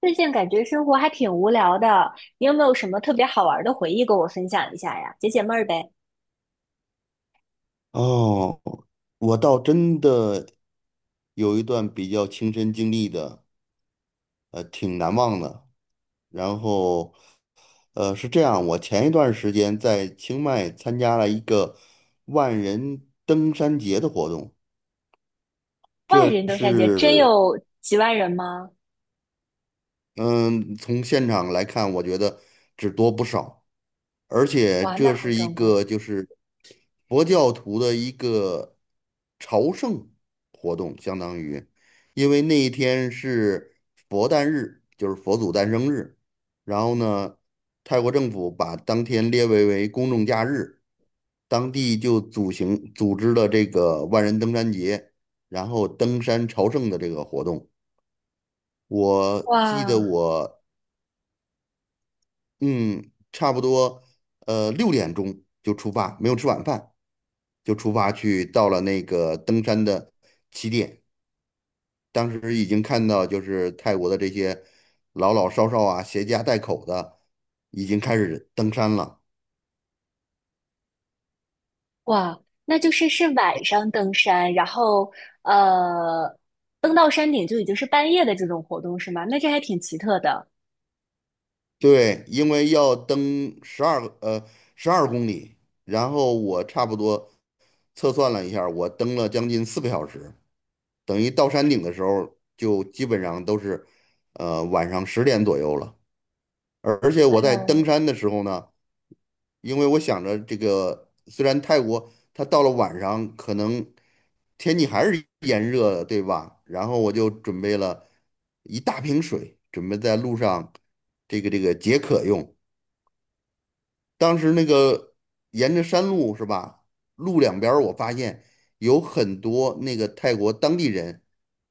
最近感觉生活还挺无聊的，你有没有什么特别好玩的回忆跟我分享一下呀？解解闷儿呗。哦，我倒真的有一段比较亲身经历的，挺难忘的。然后，是这样，我前一段时间在清迈参加了一个万人登山节的活动，万这人登山节真是，有几万人吗？嗯，从现场来看，我觉得只多不少。而且哇，那这好是一壮个观！就是佛教徒的一个朝圣活动，相当于，因为那一天是佛诞日，就是佛祖诞生日。然后呢，泰国政府把当天列为公众假日，当地就组织了这个万人登山节，然后登山朝圣的这个活动。我记得哇我嗯，差不多，6点钟就出发，没有吃晚饭，就出发去到了那个登山的起点。当时已经看到，就是泰国的这些老老少少啊，携家带口的，已经开始登山了。哇，那就是晚上登山，然后呃，登到山顶就已经是半夜的这种活动是吗？那这还挺奇特的。对，因为要登12公里，然后我差不多测算了一下儿我登了将近4个小时，等于到山顶的时候就基本上都是晚上10点左右了。而且哎我在登呦，山的时候呢，因为我想着这个，虽然泰国它到了晚上可能天气还是炎热的，对吧？然后我就准备了一大瓶水，准备在路上这个解渴用。当时那个沿着山路是吧，路两边儿我发现有很多那个泰国当地人，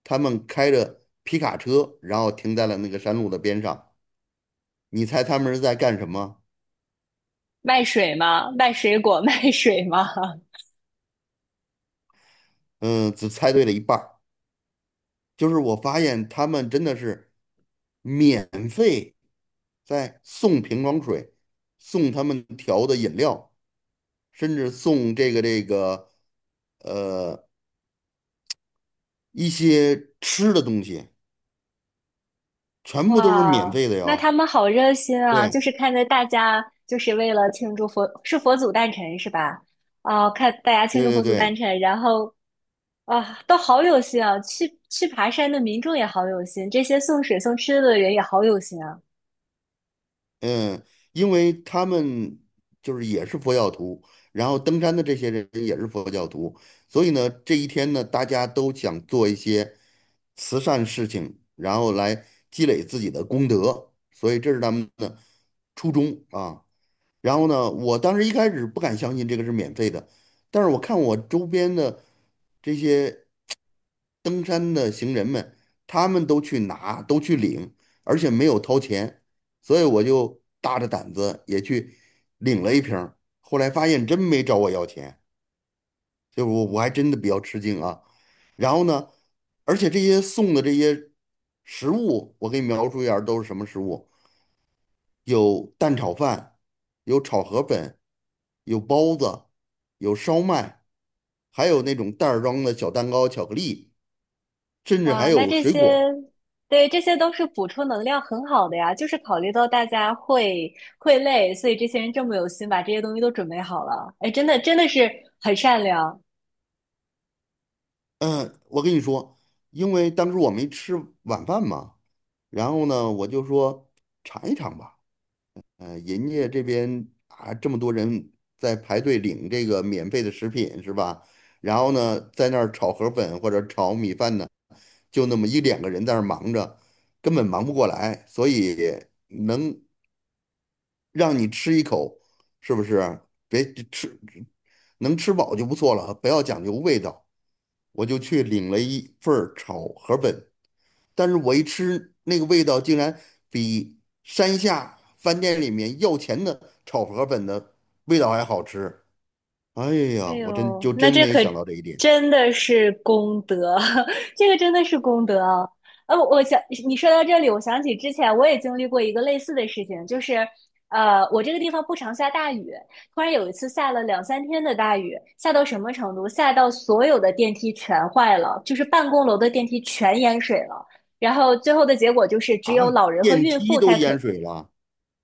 他们开着皮卡车，然后停在了那个山路的边上。你猜他们是在干什么？卖水吗？卖水果？卖水吗？嗯，只猜对了一半儿。就是我发现他们真的是免费在送瓶装水，送他们调的饮料，甚至送呃一些吃的东西，全部都是免哇，费的那他哟。们好热心啊！就对是看着大家，就是为了庆祝佛，是佛祖诞辰是吧？啊，看大家庆对祝对佛祖诞对，辰，然后啊，都好有心啊！去爬山的民众也好有心，这些送水送吃的人也好有心啊！嗯，因为他们就是也是佛教徒，然后登山的这些人也是佛教徒，所以呢，这一天呢，大家都想做一些慈善事情，然后来积累自己的功德，所以这是他们的初衷啊。然后呢，我当时一开始不敢相信这个是免费的，但是我看我周边的这些。登山的行人们，他们都去拿，都去领，而且没有掏钱，所以我就大着胆子也去领了一瓶儿后来发现真没找我要钱，就以我还真的比较吃惊啊。然后呢，而且这些送的这些食物，我给你描述一下儿都是什么食物：有蛋炒饭，有炒河粉，有包子，有烧麦，还有那种袋儿装的小蛋糕、巧克力，甚至还哇，那有这水些，果。对，这些都是补充能量很好的呀。就是考虑到大家会累，所以这些人这么有心，把这些东西都准备好了。哎，真的真的是很善良。嗯，我跟你说，因为当时我没吃晚饭嘛，然后呢，我就说尝一尝吧。人家这边啊，这么多人在排队领这个免费的食品是吧？然后呢，在那儿炒河粉或者炒米饭呢，就那么一两个人在那儿忙着，根本忙不过来，所以能让你吃一口，是不是？别吃，能吃饱就不错了，不要讲究味道。我就去领了一份儿炒河粉，但是我一吃那个味道竟然比山下饭店里面要钱的炒河粉的味道还好吃。哎呀，哎我真呦，就那真这没有可想到这一点真的是功德，这个真的是功德啊！我想你说到这里，我想起之前我也经历过一个类似的事情，就是我这个地方不常下大雨，突然有一次下了两三天的大雨，下到什么程度？下到所有的电梯全坏了，就是办公楼的电梯全淹水了。然后最后的结果就是，只有啊！老人和电孕梯妇都淹水了，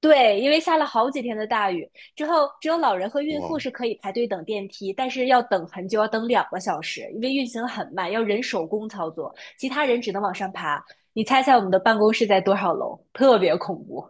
对，因为下了好几天的大雨，之后只有老人和孕哇！妇是可以排队等电梯，但是要等很久，要等两个小时，因为运行很慢，要人手工操作，其他人只能往上爬。你猜猜我们的办公室在多少楼？特别恐怖。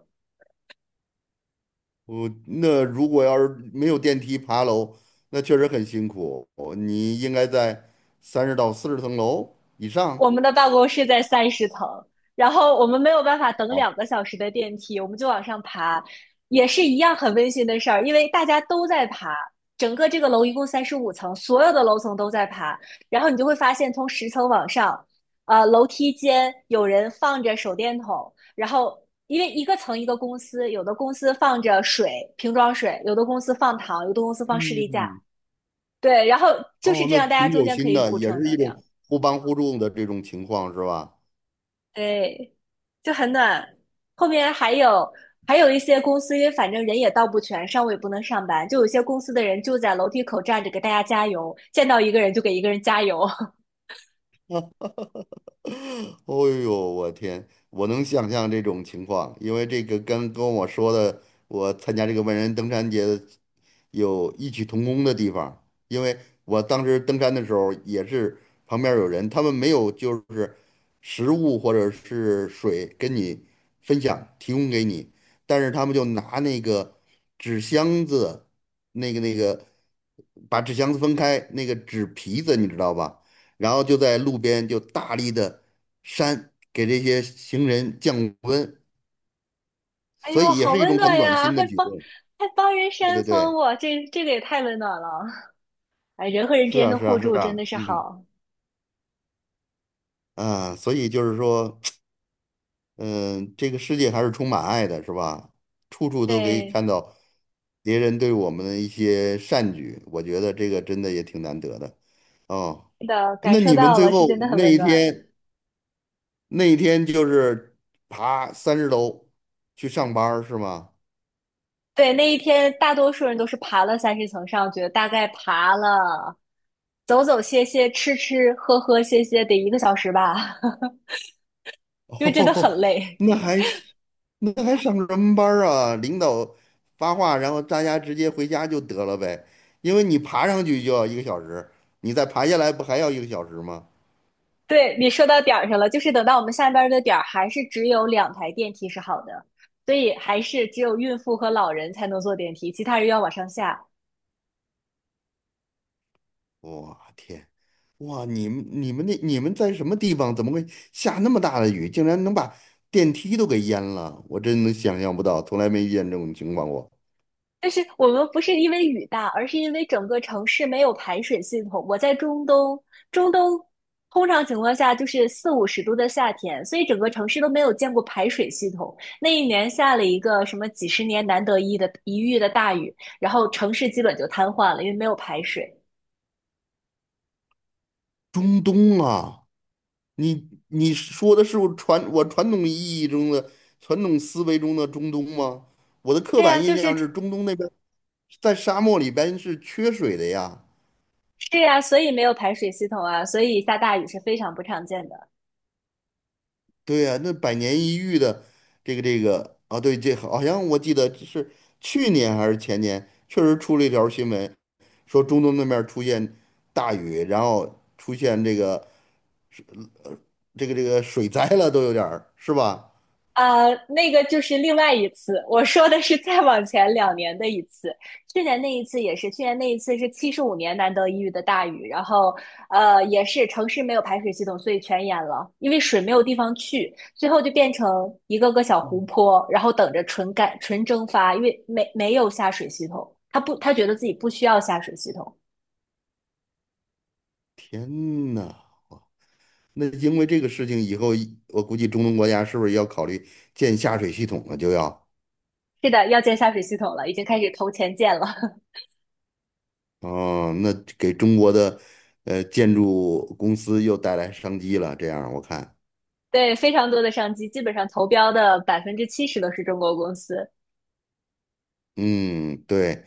如果要是没有电梯爬楼，那确实很辛苦。哦你应该在30到40层楼以上。我们的办公室在三十层，然后我们没有办法等好，两个小时的电梯，我们就往上爬，也是一样很温馨的事儿，因为大家都在爬。整个这个楼一共35层，所有的楼层都在爬，然后你就会发现，从十层往上，楼梯间有人放着手电筒，然后因为一个层一个公司，有的公司放着水，瓶装水，有的公司放糖，有的公司放士力架，嗯，对，然后就是哦，这那样，大家挺中有间可心以的，补也充是能一种量。互帮互助的这种情况，是吧？对，就很暖。后面还有一些公司，因为反正人也到不全，上午也不能上班，就有些公司的人就在楼梯口站着给大家加油，见到一个人就给一个人加油。哦呦，我天，我能想象这种情况，因为这个跟我说的，我参加这个万人登山节的有异曲同工的地方，因为我当时登山的时候也是旁边有人，他们没有就是食物或者是水跟你分享提供给你，但是他们就拿那个纸箱子，那个把纸箱子分开，那个纸皮子你知道吧？然后就在路边就大力的扇，给这些行人降温，哎所呦，以也好是一温种很暖暖呀，心的还举帮动。还帮人对对扇风，对，我这个也太温暖了。哎，人和人之是间啊的是互啊是助真啊，的是好，所以就是说，嗯、这个世界还是充满爱的，是吧？处处都可以对，看到别人对我们的一些善举，我觉得这个真的也挺难得的。哦，是的，感那受你们到最了，是后真的很那温一暖。天，那一天就是爬30楼去上班儿是吗？对，那一天大多数人都是爬了三十层上去的，大概爬了走走歇歇、吃吃喝喝歇歇，得1个小时吧，因为真的很哦，累。那还是那还上什么班儿啊？领导发话，然后大家直接回家就得了呗。因为你爬上去就要一个小时，你再爬下来不还要一个小时吗？对，你说到点儿上了，就是等到我们下班儿的点儿，还是只有两台电梯是好的，所以还是只有孕妇和老人才能坐电梯，其他人要往上下。我天，哇你们在什么地方？怎么会下那么大的雨，竟然能把电梯都给淹了？我真的想象不到，从来没遇见这种情况过。但是我们不是因为雨大，而是因为整个城市没有排水系统。我在中东，中东通常情况下就是四五十度的夏天，所以整个城市都没有见过排水系统。那一年下了一个什么几十年难得一遇的大雨，然后城市基本就瘫痪了，因为没有排水。中东啊，你说的是我传统思维中的中东吗？我的刻对呀，板就印是象是中东那边在沙漠里边是缺水的呀。是呀，所以没有排水系统啊，所以下大雨是非常不常见的。对呀，那百年一遇的这个啊，对，这好像我记得是去年还是前年，确实出了一条新闻，说中东那边儿出现大雨，然后出现这个水灾了，都有点儿是吧？那个就是另外一次，我说的是再往前2年的一次。去年那一次也是，去年那一次是75年难得一遇的大雨，然后也是城市没有排水系统，所以全淹了，因为水没有地方去，最后就变成一个个小湖泊，然后等着纯干纯蒸发，因为没有下水系统，他不他觉得自己不需要下水系统。天呐，那因为这个事情以后，我估计中东国家是不是要考虑建下水系统了？是的，要建下水系统了，已经开始投钱建了。哦，那给中国的建筑公司又带来商机了。这样我看，对，非常多的商机，基本上投标的70%都是中国公司。嗯，对，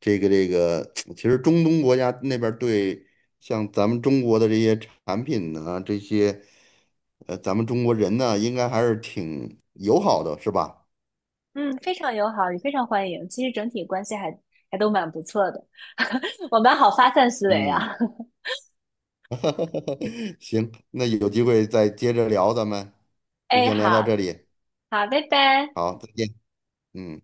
其实中东国家那边儿对像咱们中国的这些产品呢，这些咱们中国人呢，应该还是挺友好的，是吧？嗯，非常友好，也非常欢迎。其实整体关系还都蛮不错的，我们好发散思维嗯，啊。行，那有机会再接着聊，咱们 就哎，先聊到好这里。好，拜拜。好，再见，嗯。